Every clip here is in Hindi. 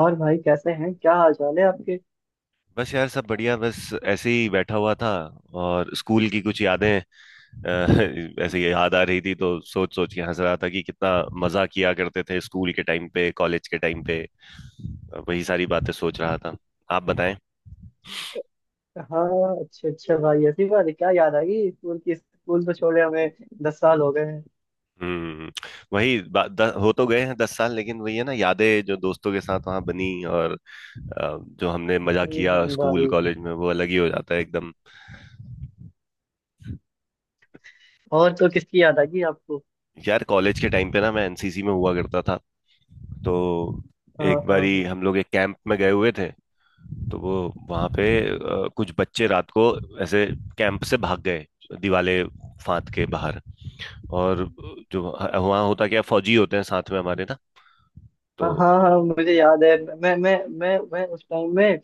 और भाई कैसे हैं? क्या हाल चाल है आपके? बस यार सब बढ़िया। बस ऐसे ही बैठा हुआ था। और स्कूल की कुछ यादें ऐसे ही याद आ रही थी, तो सोच सोच के हंस रहा था कि कितना मजा किया करते थे स्कूल के टाइम पे, कॉलेज के टाइम पे। वही सारी बातें सोच रहा था। आप बताएं। हाँ, अच्छा अच्छा भाई, ऐसी बात है। क्या याद आ गई स्कूल की? स्कूल तो छोड़े हमें 10 साल हो गए हैं। हम्म। हो तो गए हैं 10 साल, लेकिन वही है ना, यादें जो दोस्तों के साथ वहां बनी, और जो हमने मजा किया स्कूल भाई। कॉलेज में वो अलग ही हो जाता है एकदम। और तो किसकी याद आ गई आपको? यार कॉलेज के टाइम पे ना मैं एनसीसी में हुआ करता था। तो हाँ एक हाँ बारी हाँ। हम लोग एक कैंप में गए हुए थे। तो वो वहां पे कुछ बच्चे रात को ऐसे कैंप से भाग गए, दिवाले फांद के बाहर। और जो वहां होता, क्या फौजी होते हैं साथ में हमारे ना। तो हाँ हाँ हाँ, मुझे याद है, मैं उस टाइम में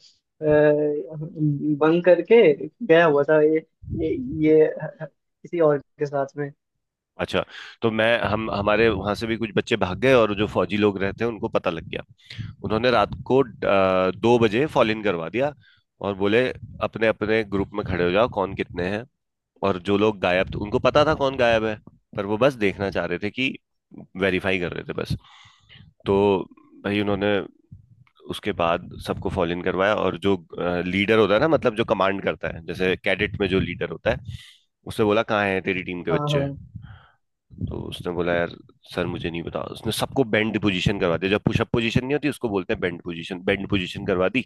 बंक करके गया हुआ था। ये ये किसी और के साथ में। अच्छा। तो मैं हम हमारे वहां से भी कुछ बच्चे भाग गए और जो फौजी लोग रहते हैं उनको पता लग गया। उन्होंने रात को 2 बजे फॉल इन करवा दिया। और बोले अपने अपने ग्रुप में खड़े हो जाओ, कौन कितने हैं। और जो लोग गायब थे उनको पता था कौन गायब है, पर वो बस देखना चाह रहे थे कि, वेरीफाई कर रहे थे बस। तो भाई उन्होंने उसके बाद सबको फॉलो इन करवाया। और जो लीडर होता है ना, मतलब जो कमांड करता है, जैसे कैडेट में जो लीडर होता है उसने बोला कहाँ है तेरी टीम के हाँ बच्चे। हाँ तो उसने बोला यार सर मुझे नहीं पता। उसने सबको बेंड पोजीशन करवा दिया, जब पुशअप पोजीशन नहीं होती उसको बोलते हैं बेंड पोजीशन, बेंड पोजीशन करवा दी।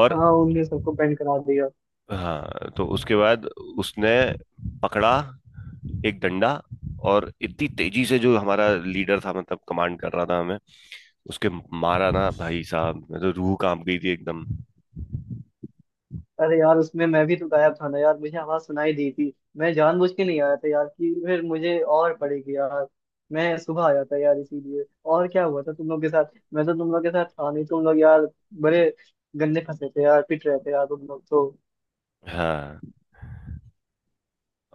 और हाँ, उनने सबको बैंड करा दिया। हाँ। तो उसके बाद उसने पकड़ा एक डंडा, और इतनी तेजी से जो हमारा लीडर था, मतलब कमांड कर रहा था हमें, उसके मारा ना भाई साहब, मैं तो रूह कांप गई थी एकदम। अरे यार, उसमें मैं भी तो गायब था ना यार। मुझे आवाज सुनाई दी थी, मैं जानबूझ के नहीं आया था यार कि फिर मुझे और पड़ेगी यार। मैं सुबह आया था यार इसीलिए। और क्या हुआ था तुम लोग के साथ? मैं तो तुम लोग के साथ था नहीं। तुम लोग यार बड़े गंदे फंसे थे यार, पिट रहे थे यार तुम लोग तो। हाँ।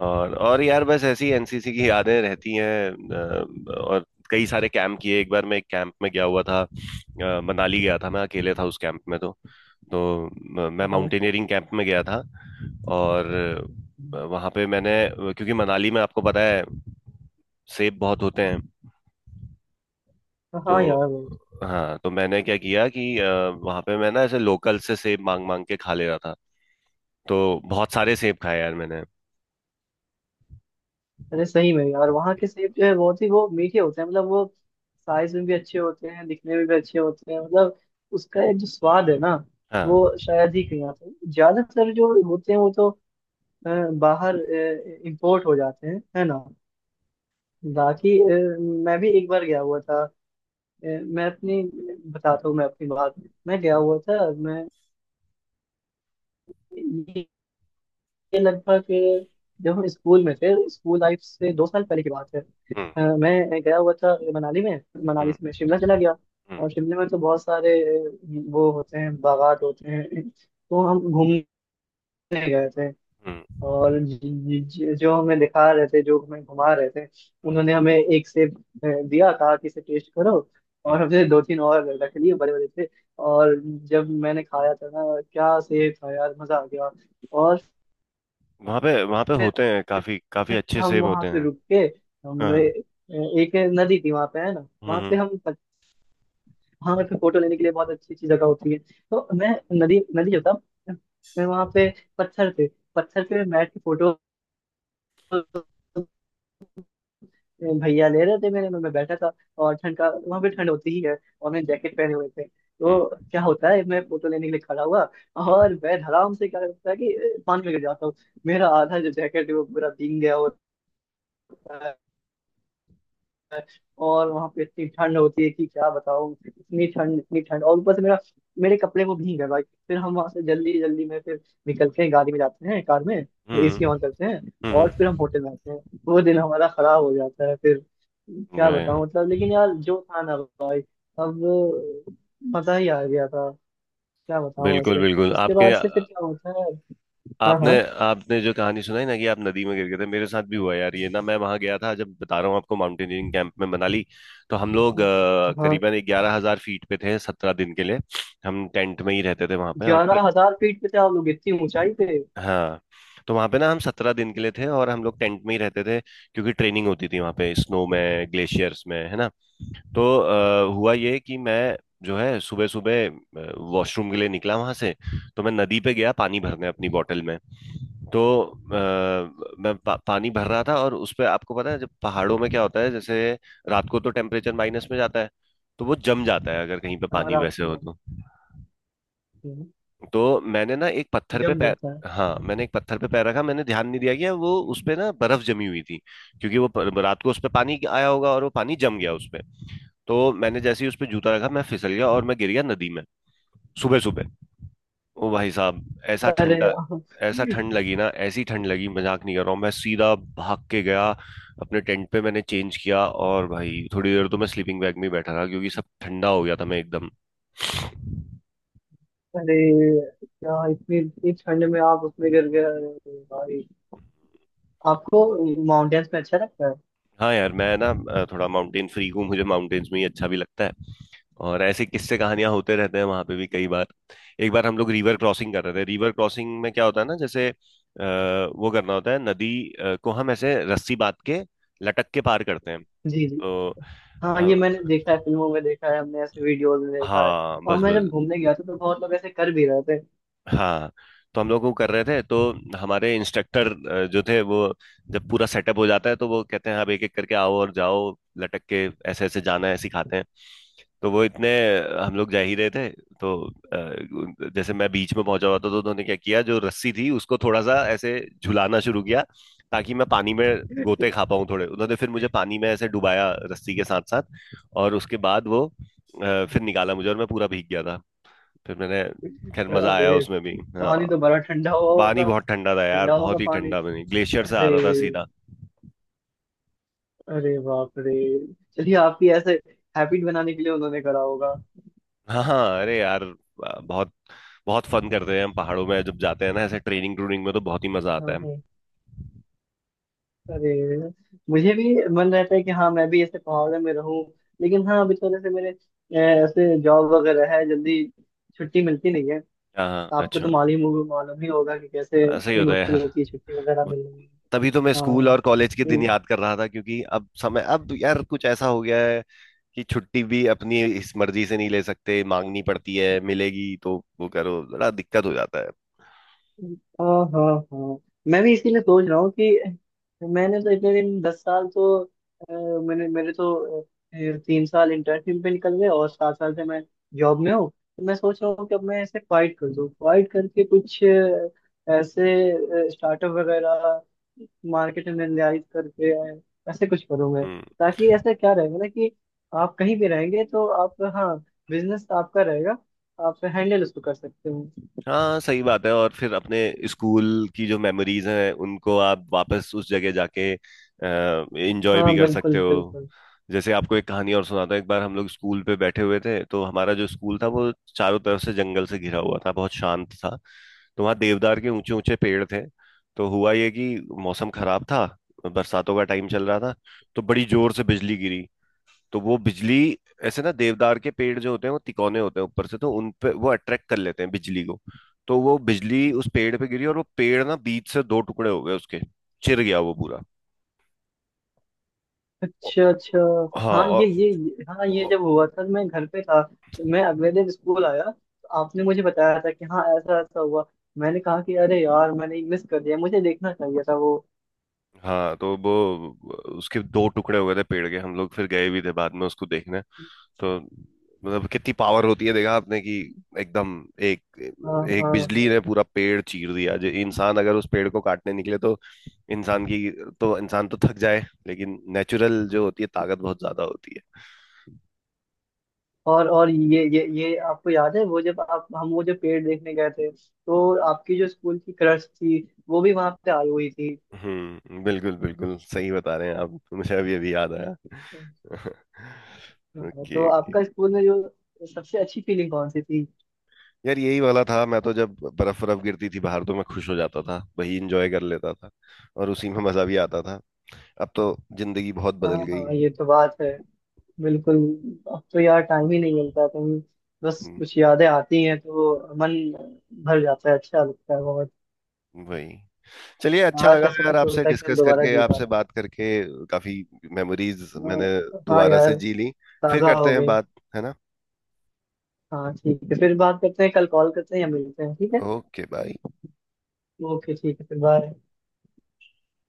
और यार बस ऐसी एनसीसी की यादें रहती हैं। और कई सारे कैंप किए। एक बार मैं एक कैंप में गया हुआ था, मनाली गया था, मैं अकेले था उस कैंप में। तो मैं हाँ, माउंटेनियरिंग कैंप में गया था। और वहाँ पे मैंने, क्योंकि मनाली में आपको पता है सेब बहुत होते हैं। हाँ यार वो। तो हाँ। तो मैंने क्या किया कि वहाँ पे मैं ना ऐसे लोकल से सेब मांग मांग के खा ले रहा था। तो बहुत सारे सेब खाए यार मैंने। अरे सही में यार, वहाँ के सेब जो है बहुत ही वो मीठे होते हैं। मतलब वो साइज में भी अच्छे होते हैं, दिखने में भी अच्छे होते हैं। मतलब उसका एक जो स्वाद है ना, हाँ। वो शायद ही कहीं आता है। ज्यादातर जो होते हैं वो तो अ, बाहर इंपोर्ट हो जाते हैं, है ना। बाकी मैं भी एक बार गया हुआ था। अ, मैं अपनी बताता हूँ मैं अपनी बात। मैं गया हुआ था। मैं ये ये लगभग अ, जब हम स्कूल में थे, स्कूल लाइफ से 2 साल पहले की बात है। हम्म। मैं गया हुआ था मनाली में। मनाली हम्म। से मैं शिमला चला गया। हम्म। और शिमला में तो बहुत सारे वो होते हैं, बागात होते हैं, तो हम घूमने गए थे। हम्म। और जो हमें दिखा रहे थे, जो हमें घुमा रहे थे, उन्होंने हम्म। हमें एक सेब दिया। कहा कि इसे टेस्ट करो। हम्म। और हमने 2-3 और रख लिए बड़े बड़े से। और जब मैंने खाया था ना, क्या सेब था यार! मजा आ गया। और वहाँ पे होते हैं काफी काफी फिर अच्छे हम सेब वहां होते पे हैं। रुक के, हम ए- हाँ। एक नदी थी वहां पे, है ना। वहां पे हम्म। हम, वहां पे फोटो लेने के लिए बहुत अच्छी अच्छी जगह होती है। तो मैं, नदी नदी जो था, मैं वहां पे पत्थर पे पत्थर पे बैठ के, फोटो भैया ले रहे थे मेरे, मैं बैठा था। और ठंड, का वहां पे ठंड होती ही है। और मैंने जैकेट पहने हुए थे। हम्म। तो क्या होता है, मैं फोटो लेने के लिए खड़ा हुआ हम्म। और मैं आराम से, क्या करता है कि पानी में गिर जाता हूँ। मेरा आधा जो जैकेट है वो पूरा भीग गया होता है। और वहां पे इतनी ठंड होती है कि क्या बताऊं, इतनी ठंड, इतनी ठंड, और ऊपर से मेरा, मेरे कपड़े वो भीग गए भाई। फिर हम वहां से जल्दी जल्दी में फिर निकलते हैं, गाड़ी में जाते हैं, कार में। और एसी हम्म। ऑन करते हैं। और हम्म। फिर हम होटल में आते हैं। वो दिन हमारा खराब हो जाता है फिर। क्या मैं-। बताऊं मतलब। लेकिन यार जो था ना भाई, अब मजा ही आ गया था। क्या बताऊं बिल्कुल ऐसे। बिल्कुल उसके आपके। बाद से फिर क्या होता है। हाँ आपने हाँ आपने जो कहानी सुनाई ना कि आप नदी में गिर गए थे, मेरे साथ भी हुआ यार ये। ना मैं वहां गया था, जब बता रहा हूँ आपको माउंटेनियरिंग कैंप में मनाली। तो हम लोग हाँ। करीबन 11,000 फीट पे थे 17 दिन के लिए। हम टेंट में ही रहते थे वहां पे और 11,000 फीट पे थे आप लोग? इतनी ऊंचाई पे? हाँ। तो वहां पे ना हम 17 दिन के लिए थे और हम लोग टेंट में ही रहते थे। क्योंकि ट्रेनिंग होती थी वहां पे स्नो में, ग्लेशियर्स में, है ना। तो हुआ ये कि मैं जो है सुबह सुबह वॉशरूम के लिए निकला वहां से। तो मैं नदी पे गया पानी भरने अपनी बोतल में। तो अ, पानी भर रहा था। और उस पे आपको पता है जब पहाड़ों में क्या होता है, जैसे रात को तो टेम्परेचर माइनस में जाता है। तो वो जम जाता है अगर कहीं पे हाँ पानी रात वैसे हो में। तो। हम्म, तो मैंने ना एक पत्थर पे जम पैर, जाता है। हाँ मैंने एक पत्थर पे पैर रखा, मैंने ध्यान नहीं दिया कि वो उस पे ना बर्फ जमी हुई थी। क्योंकि वो रात को उस पे पानी आया होगा और वो पानी जम गया उस पे। तो मैंने जैसे ही उस पर जूता रखा मैं फिसल गया और मैं गिर गया नदी में, सुबह सुबह। ओ भाई साहब, ऐसा अरे। ठंडा, ऐसा ठंड लगी ना, ऐसी ठंड लगी, मजाक नहीं कर रहा हूँ। मैं सीधा भाग के गया अपने टेंट पे, मैंने चेंज किया। और भाई थोड़ी देर तो मैं स्लीपिंग बैग में ही बैठा रहा, क्योंकि सब ठंडा हो गया था मैं एकदम। अरे, क्या इतनी इतनी ठंड में आप उसमें गिर गए? अरे भाई! आपको माउंटेन्स में अच्छा लगता है? हाँ यार मैं ना थोड़ा माउंटेन फ्रीक हूँ, मुझे माउंटेन्स में ही अच्छा भी लगता है। और ऐसे किस्से कहानियां होते रहते हैं वहां पे भी कई बार। एक बार हम लोग रिवर क्रॉसिंग कर रहे थे, रिवर क्रॉसिंग में क्या होता है ना, जैसे वो करना होता है, नदी को हम ऐसे रस्सी बांध के लटक के पार करते हैं। जी जी। तो हाँ ये मैंने देखा अ, है, फिल्मों में देखा है हमने, ऐसे वीडियोस में देखा है। हाँ और बस मैं जब बस। घूमने गया था तो बहुत लोग ऐसे कर भी रहे थे। हाँ तो हम लोग वो कर रहे थे। तो हमारे इंस्ट्रक्टर जो थे वो, जब पूरा सेटअप हो जाता है तो वो कहते हैं अब एक एक करके आओ और जाओ लटक के, ऐसे ऐसे जाना है, सिखाते हैं। तो वो इतने हम लोग जा ही रहे थे। तो जैसे मैं बीच में पहुंचा हुआ था तो उन्होंने क्या किया, जो रस्सी थी उसको थोड़ा सा ऐसे झुलाना शुरू किया, ताकि मैं पानी में गोते खा पाऊं थोड़े। उन्होंने फिर मुझे पानी में ऐसे डुबाया रस्सी के साथ साथ। और उसके बाद वो फिर निकाला मुझे और मैं पूरा भीग गया। फिर मैंने, खैर मजा आया अरे, उसमें भी। हाँ पानी तो बड़ा ठंडा हुआ पानी होगा। बहुत ठंडा था यार, ठंडा होगा बहुत ही पानी। ठंडा पानी ग्लेशियर से आ अरे, रहा था सीधा। अरे बाप रे। चलिए, आपकी ऐसे हैबिट बनाने के लिए उन्होंने करा होगा। हाँ हाँ अरे यार बहुत बहुत फन करते हैं हम पहाड़ों में जब जाते हैं ना, ऐसे ट्रेनिंग ट्रूनिंग में तो बहुत ही मजा आता है। हाँ, अरे मुझे भी मन रहता है कि हाँ मैं भी ऐसे पहाड़ों में रहूं। लेकिन हाँ, अभी थोड़े से मेरे ऐसे जॉब वगैरह है, जल्दी छुट्टी मिलती नहीं है। हाँ हाँ आपको अच्छा। तो मालूम ही होगा कि कैसे ऐसा ही कितनी होता है मुश्किल यार। होती है छुट्टी वगैरह वो- मिलने में। तभी तो मैं हाँ। स्कूल और कॉलेज के दिन हम्म। याद कर रहा था, क्योंकि अब समय, अब यार कुछ ऐसा हो गया है कि छुट्टी भी अपनी इस मर्जी से नहीं ले सकते, मांगनी पड़ती है, मिलेगी तो वो करो, बड़ा दिक्कत हो जाता है। हाँ हाँ हाँ, मैं भी इसीलिए सोच रहा हूँ कि, मैंने तो इतने दिन, 10 साल तो अ, मैंने मेरे तो 3 साल इंटर्नशिप पे निकल गए, और 7 साल से मैं जॉब में हूँ। तो मैं सोच रहा हूँ कि अब मैं ऐसे फाइट कर दूँ, फाइट करके कुछ ऐसे स्टार्टअप वगैरह मार्केट में निर्धारित करके ऐसे कुछ करूँगा। हम्म। ताकि ऐसा क्या रहेगा ना कि आप कहीं भी रहेंगे तो आप, हाँ, बिजनेस आपका रहेगा, आप हैंडल उसको कर सकते हो। हाँ सही बात है। और फिर अपने स्कूल की जो मेमोरीज हैं उनको आप वापस उस जगह जाके एंजॉय हाँ भी कर बिल्कुल सकते हो। बिल्कुल। जैसे आपको एक कहानी और सुनाता हूँ। एक बार हम लोग स्कूल पे बैठे हुए थे, तो हमारा जो स्कूल था वो चारों तरफ से जंगल से घिरा हुआ था, बहुत शांत था। तो वहाँ देवदार के ऊंचे ऊंचे पेड़ थे। तो हुआ ये कि मौसम खराब था, बरसातों का टाइम चल रहा था। तो बड़ी जोर से बिजली गिरी। तो वो बिजली, ऐसे ना देवदार के पेड़ जो होते हैं वो तिकोने होते हैं ऊपर से, तो उन पे वो अट्रैक्ट कर लेते हैं बिजली को। तो वो बिजली उस पेड़ पे गिरी और वो पेड़ ना बीच से दो टुकड़े हो गए उसके, चिर गया वो पूरा। अच्छा अच्छा। हाँ हाँ और हाँ, ये जब हुआ था, मैं घर पे था। तो मैं अगले दिन स्कूल आया तो आपने मुझे बताया था कि हाँ ऐसा ऐसा हुआ। मैंने कहा कि अरे यार, मैंने मिस कर दिया, मुझे देखना चाहिए था वो। हाँ। तो वो उसके दो टुकड़े हो गए थे पेड़ के, हम लोग फिर गए भी थे बाद में उसको देखने। तो मतलब कितनी पावर होती है, देखा आपने कि एकदम एक, हाँ एक हाँ बिजली हाँ। ने पूरा पेड़ चीर दिया। जो इंसान अगर उस पेड़ को काटने निकले तो इंसान की, तो इंसान तो थक जाए, लेकिन नेचुरल जो होती है ताकत बहुत ज्यादा होती है। और ये आपको याद है वो जब आप, हम वो जो पेड़ देखने गए थे, तो आपकी जो स्कूल की क्रश थी वो भी वहां पे आई हुई थी। बिल्कुल बिल्कुल, सही बता रहे हैं आप, मुझे अभी अभी याद आया हाँ, तो ओके ओके। आपका स्कूल में जो सबसे अच्छी फीलिंग कौन सी थी? यार यही वाला था, मैं तो जब बर्फ बर्फ गिरती थी बाहर तो मैं खुश हो जाता था, वही इंजॉय कर लेता था, और उसी में मजा भी आता था। अब तो जिंदगी बहुत हाँ बदल गई। हाँ, ये तो बात है। बिल्कुल। अब तो यार टाइम ही नहीं मिलता कहीं। बस हम्म। कुछ यादें आती हैं तो मन भर जाता है, अच्छा लगता है बहुत। वही, चलिए अच्छा काश लगा ऐसा यार कुछ आपसे होता है कि हम डिस्कस दोबारा करके, जी आपसे पाते। बात करके। काफी मेमोरीज मैंने हाँ दोबारा से यार, जी ली। फिर ताज़ा करते हो हैं गए। बात, है ना। हाँ ठीक है, फिर बात करते हैं, कल कॉल करते हैं या मिलते हैं, ठीक है। Okay bye. ओके ठीक है, फिर बाय।